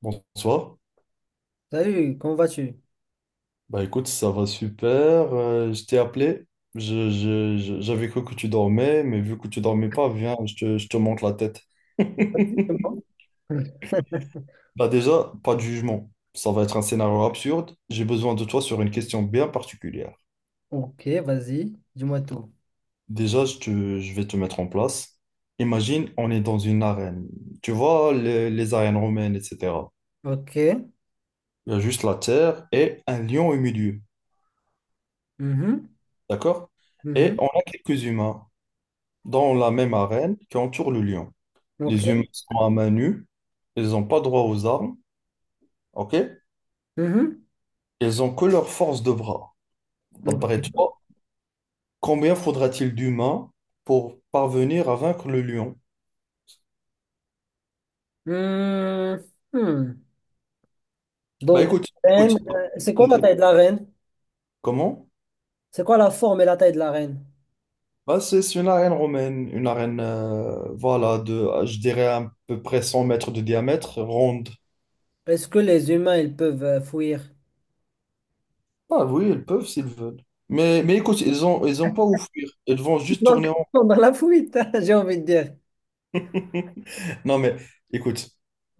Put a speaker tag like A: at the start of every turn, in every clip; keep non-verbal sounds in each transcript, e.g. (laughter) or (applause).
A: Bonsoir.
B: Salut, comment vas-tu?
A: Bah écoute, ça va super. Je t'ai appelé. J'avais cru que tu dormais, mais vu que tu dormais pas, viens, je te montre la tête.
B: Vas-y, c'est moi. (laughs)
A: Bah déjà, pas de jugement. Ça va être un scénario absurde. J'ai besoin de toi sur une question bien particulière.
B: Ok, vas-y, dis-moi tout.
A: Déjà, je vais te mettre en place. Imagine, on est dans une arène. Tu vois, les arènes romaines, etc.
B: Ok.
A: Il y a juste la terre et un lion au milieu.
B: Mhm,
A: D'accord? Et
B: mhm,
A: on a quelques humains dans la même arène qui entourent le lion.
B: ok.
A: Les humains sont à main nue. Ils n'ont pas droit aux armes. OK?
B: Mhm,
A: Ils ont que leur force de bras. D'après
B: ok.
A: toi, combien faudra-t-il d'humains pour parvenir à vaincre le lion?
B: Hmm, hmm.
A: Bah
B: Dans une
A: écoute,
B: reine,
A: écoute.
B: c'est quoi la taille de la reine?
A: Comment?
B: C'est quoi la forme et la taille de la reine?
A: Bah, c'est une arène romaine, une arène, voilà, je dirais, à peu près 100 mètres de diamètre, ronde.
B: Est-ce que les humains, ils peuvent fuir?
A: Ah oui, ils peuvent s'ils veulent. Mais écoute, ils ont pas où fuir. Ils vont juste
B: Donc,
A: tourner
B: ils
A: en
B: sont (laughs) dans la fuite, (laughs) j'ai envie de dire.
A: rond. Non, mais écoute,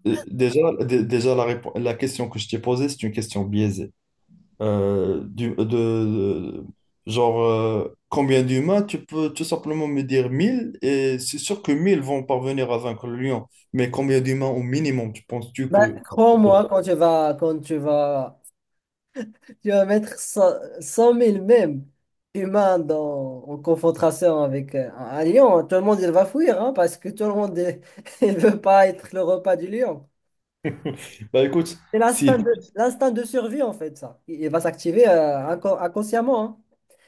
A: déjà, la question que je t'ai posée, c'est une question biaisée. Euh, du, de, de- genre, combien d'humains? Tu peux tout simplement me dire 1000 et c'est sûr que 1000 vont parvenir à vaincre le lion. Mais combien d'humains au minimum, tu penses-tu
B: Ben,
A: que...
B: crois-moi, quand tu vas, tu vas mettre cent cent mille même humains dans, en confrontation avec un lion. Tout le monde, il va fuir hein, parce que tout le monde, il (laughs) il veut pas être le repas du lion.
A: Bah écoute,
B: C'est
A: si...
B: l'instinct de survie, en fait, ça. Il va s'activer inconsciemment, hein.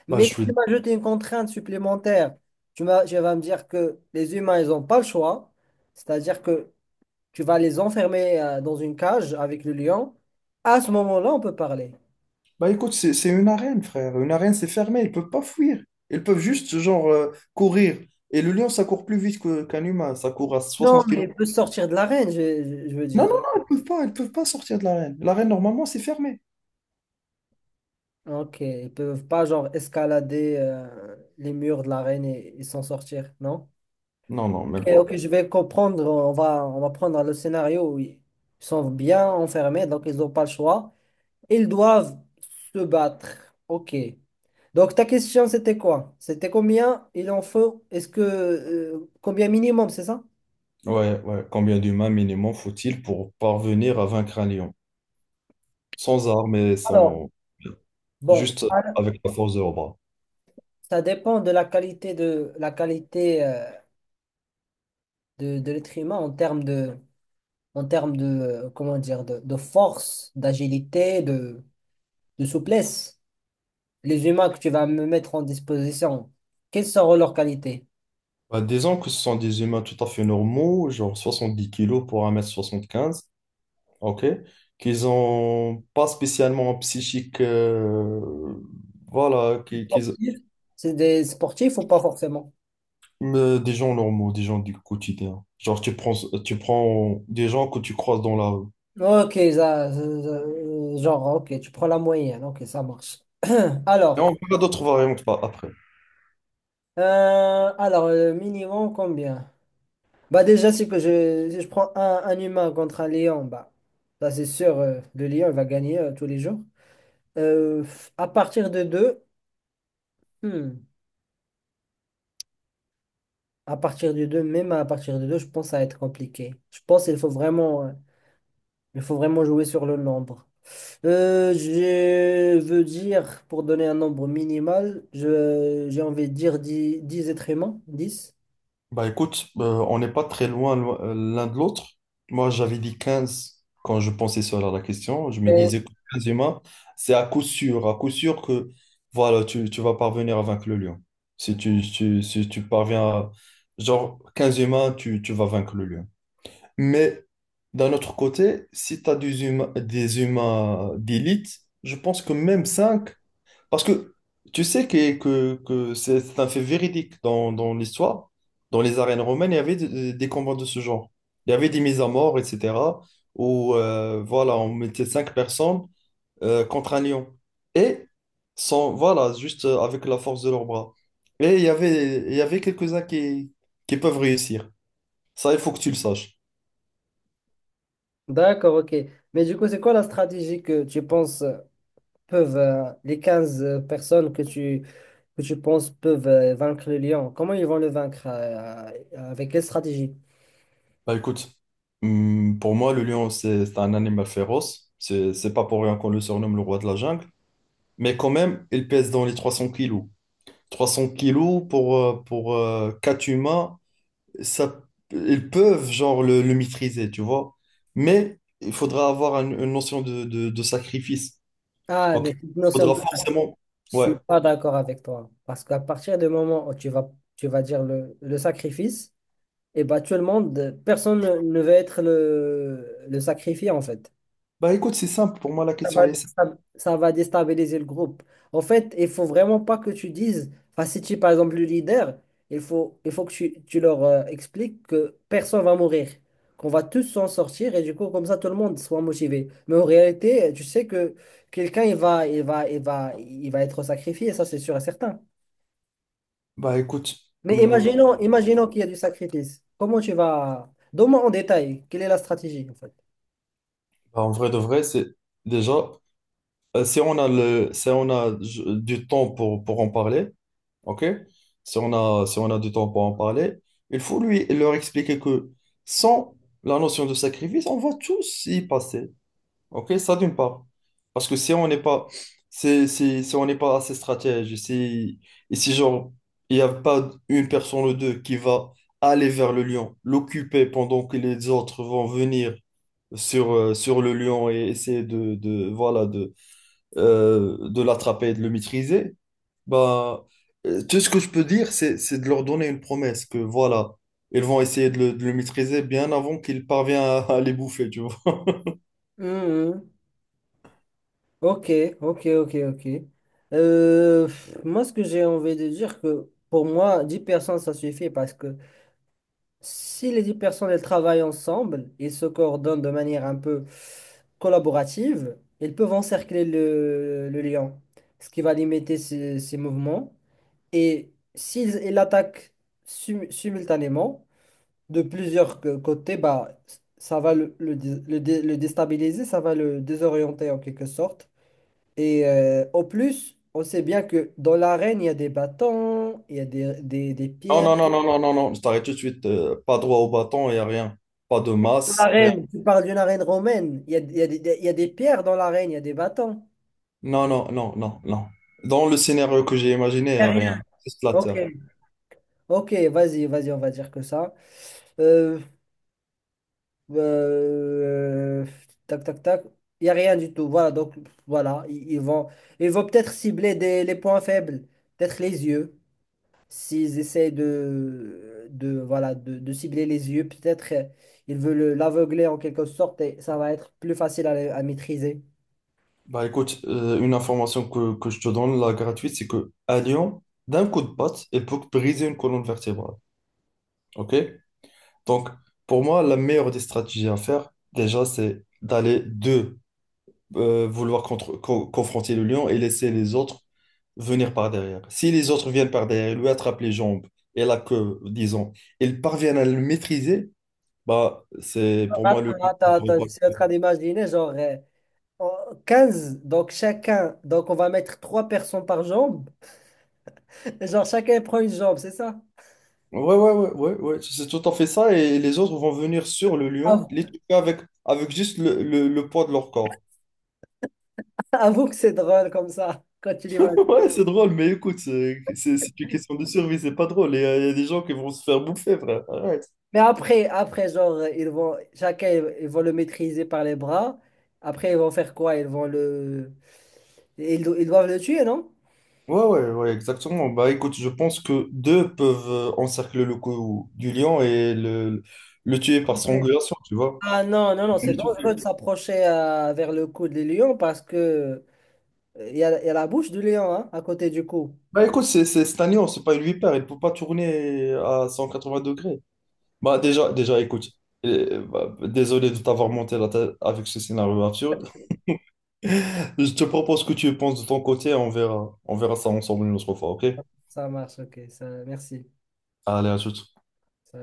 A: Bah, je
B: Mais si
A: suis...
B: tu m'ajoutes une contrainte supplémentaire, tu vas me dire que les humains, ils n'ont pas le choix. C'est-à-dire que tu vas les enfermer dans une cage avec le lion. À ce moment-là, on peut parler.
A: bah écoute, c'est une arène, frère. Une arène, c'est fermé. Ils peuvent pas fuir. Ils peuvent juste, genre, courir. Et le lion, ça court plus vite qu'un humain. Ça court à
B: Non,
A: 60
B: mais
A: kilomètres.
B: ils peuvent sortir de l'arène, veux
A: Non,
B: dire.
A: non, non, elles peuvent pas sortir de l'arène. L'arène, normalement, c'est fermé.
B: Ok, ils peuvent pas genre escalader les murs de l'arène et s'en sortir, non?
A: Non, non,
B: Ok,
A: même pas.
B: ok, je vais comprendre. On va prendre le scénario où ils sont bien enfermés, donc ils n'ont pas le choix. Ils doivent se battre. Ok. Donc ta question, c'était quoi? C'était combien il en faut? Est-ce que combien minimum, c'est ça?
A: Ouais, ouais. Combien d'humains minimum faut-il pour parvenir à vaincre un lion? Sans armes et
B: Alors,
A: sans...
B: bon,
A: Juste
B: alors,
A: avec la force de leurs bras.
B: ça dépend de la qualité de la qualité. De l'être humain en termes de, comment dire, de force, d'agilité, de souplesse. Les humains que tu vas me mettre en disposition, quelles seront leurs qualités?
A: Bah, disons que ce sont des humains tout à fait normaux, genre 70 kilos pour un mètre soixante-quinze. OK? Qu'ils ont pas spécialement un psychique, voilà,
B: Sportifs. C'est des sportifs ou pas forcément?
A: mais des gens normaux, des gens du quotidien. Genre, tu prends des gens que tu croises dans la rue.
B: Ok, genre, ok, tu prends la moyenne, ok, ça marche.
A: Et
B: Alors,
A: on verra d'autres variantes après.
B: alors le minimum, combien? Bah déjà, si je prends un humain contre un lion, bah, ça c'est sûr, le lion il va gagner tous les jours. Euh, à partir de deux, hmm, à partir de deux, je pense que ça va être compliqué. Je pense qu'il faut vraiment, il faut vraiment jouer sur le nombre. Je veux dire, pour donner un nombre minimal, j'ai envie de dire 10, 10 êtres humains, 10.
A: Bah écoute, on n'est pas très loin l'un de l'autre. Moi, j'avais dit 15 quand je pensais sur la question. Je me
B: Mais-
A: disais que 15 humains, c'est à coup sûr que voilà, tu vas parvenir à vaincre le lion. Si si tu parviens à... Genre, 15 humains, tu vas vaincre le lion. Mais d'un autre côté, si tu as des humains d'élite, je pense que même 5. Parce que tu sais que c'est un fait véridique dans l'histoire. Dans les arènes romaines, il y avait des combats de ce genre. Il y avait des mises à mort, etc. Où voilà, on mettait cinq personnes contre un lion. Et sans, voilà, juste avec la force de leurs bras. Il y avait quelques-uns qui peuvent réussir. Ça, il faut que tu le saches.
B: D'accord, ok. Mais du coup, c'est quoi la stratégie que tu penses peuvent, les 15 personnes que tu penses peuvent vaincre le lion? Comment ils vont le vaincre avec quelle stratégie?
A: Bah écoute, pour moi, le lion, c'est un animal féroce. C'est pas pour rien qu'on le surnomme le roi de la jungle. Mais quand même, il pèse dans les 300 kilos. 300 kilos pour quatre humains, ça, ils peuvent genre le maîtriser, tu vois. Mais il faudra avoir une notion de sacrifice.
B: Ah,
A: Ok.
B: mais cette
A: Il
B: notion,
A: faudra forcément.
B: je
A: Ouais.
B: suis pas d'accord avec toi. Parce qu'à partir du moment où tu vas dire le sacrifice, et bah, tout le monde, personne ne, ne veut être le sacrifié, en fait.
A: Bah écoute, c'est simple. Pour moi, la
B: Ça
A: question,
B: va,
A: elle est simple.
B: ça va déstabiliser le groupe. En fait, il faut vraiment pas que tu dises, enfin, si tu es par exemple le leader, il faut que tu leur expliques que personne va mourir, qu'on va tous s'en sortir, et du coup, comme ça, tout le monde soit motivé. Mais en réalité, tu sais que quelqu'un, il va être sacrifié, ça, c'est sûr et certain.
A: Bah écoute,
B: Mais
A: hum,
B: imaginons, imaginons qu'il y a du sacrifice. Comment tu vas... Donne-moi en détail, quelle est la stratégie en fait?
A: bah, en vrai de vrai, c'est déjà. Si on a si on a du temps pour en parler, ok? Si on a du temps pour en parler, il faut lui leur expliquer que sans la notion de sacrifice, on va tous y passer, ok? Ça d'une part. Parce que si on n'est pas assez stratège, et si genre, il n'y a pas une personne ou deux qui va aller vers le lion, l'occuper pendant que les autres vont venir sur le lion et essayer de voilà, de l'attraper et de le maîtriser, bah, tout ce que je peux dire, c'est de leur donner une promesse que voilà, ils vont essayer de de le maîtriser bien avant qu'il parvient à les bouffer, tu vois.
B: Mhm. Ok, ok, ok, ok. Pff, moi, ce que j'ai envie de dire, que pour moi, 10 personnes, ça suffit parce que si les 10 personnes, elles travaillent ensemble et se coordonnent de manière un peu collaborative, elles peuvent encercler le lion, ce qui va limiter ses mouvements. Et s'ils ils l'attaquent simultanément, de plusieurs côtés, bah, ça va le déstabiliser, ça va le désorienter en quelque sorte. Et au plus, on sait bien que dans l'arène, il y a des bâtons, il y a des
A: Non,
B: pierres.
A: non, non, non, non, non, non, je t'arrête tout de suite. Pas droit au bâton, il n'y a rien. Pas de
B: Dans
A: masse.
B: l'arène, tu parles d'une arène romaine, il y a il y a des pierres dans l'arène, il y a des bâtons.
A: Non, non, non, non, non. Dans le scénario que j'ai imaginé,
B: Il y a rien.
A: rien. C'est
B: Ok,
A: Splatter.
B: ok, vas-y, vas-y, on va dire que ça. Euh, Euh, tac, tac, tac. Il n'y a rien du tout. Voilà, donc voilà, ils vont peut-être cibler des, les points faibles, peut-être les yeux. S'ils essaient voilà, de cibler les yeux, peut-être ils veulent l'aveugler en quelque sorte et ça va être plus facile à maîtriser.
A: Bah écoute, une information que je te donne, la gratuite, c'est que à Lyon, d'un coup de patte, il peut briser une colonne vertébrale. OK? Donc, pour moi, la meilleure des stratégies à faire, déjà, c'est d'aller de vouloir confronter le lion et laisser les autres venir par derrière. Si les autres viennent par derrière, lui attrape les jambes et la queue, disons, ils parviennent à le maîtriser, bah, c'est pour moi le
B: Attends,
A: lion
B: attends,
A: ne pourrait
B: attends,
A: pas
B: je
A: le
B: suis en
A: faire.
B: train d'imaginer, genre en 15, donc chacun, donc on va mettre trois personnes par jambe. (laughs) Genre chacun prend une jambe, c'est ça?
A: Ouais, ouais, ouais, ouais, ouais, c'est tout à fait ça. Et les autres vont venir sur le lion,
B: Ah,
A: les toucher avec juste le poids de leur corps.
B: (laughs) avoue que c'est drôle comme ça, quand tu l'imagines.
A: (laughs) Ouais, c'est drôle, mais écoute, c'est une question de survie, c'est pas drôle. Il y a des gens qui vont se faire bouffer, frère. Arrête.
B: Mais après, après, genre, ils vont, chacun, ils vont le maîtriser par les bras. Après, ils vont faire quoi? Ils vont le... ils doivent le tuer, non?
A: Ouais, ouais, ouais, exactement. Bah écoute, je pense que deux peuvent encercler le cou du lion et le tuer par
B: Ouais.
A: strangulation, tu vois.
B: Ah non, non,
A: Ils
B: non,
A: vont
B: c'est
A: l'étouffer.
B: dangereux de s'approcher vers le cou des lions parce que il y a la bouche du lion hein, à côté du cou.
A: Bah écoute, c'est un lion, c'est pas une vipère, il ne peut pas tourner à 180 degrés. Bah déjà, déjà écoute, bah, désolé de t'avoir monté la tête avec ce scénario absurde. (laughs) Je te propose que tu y penses de ton côté, on verra ça ensemble une autre fois, ok?
B: Ça marche, ok, ça, merci.
A: Allez, à tout.
B: Ça-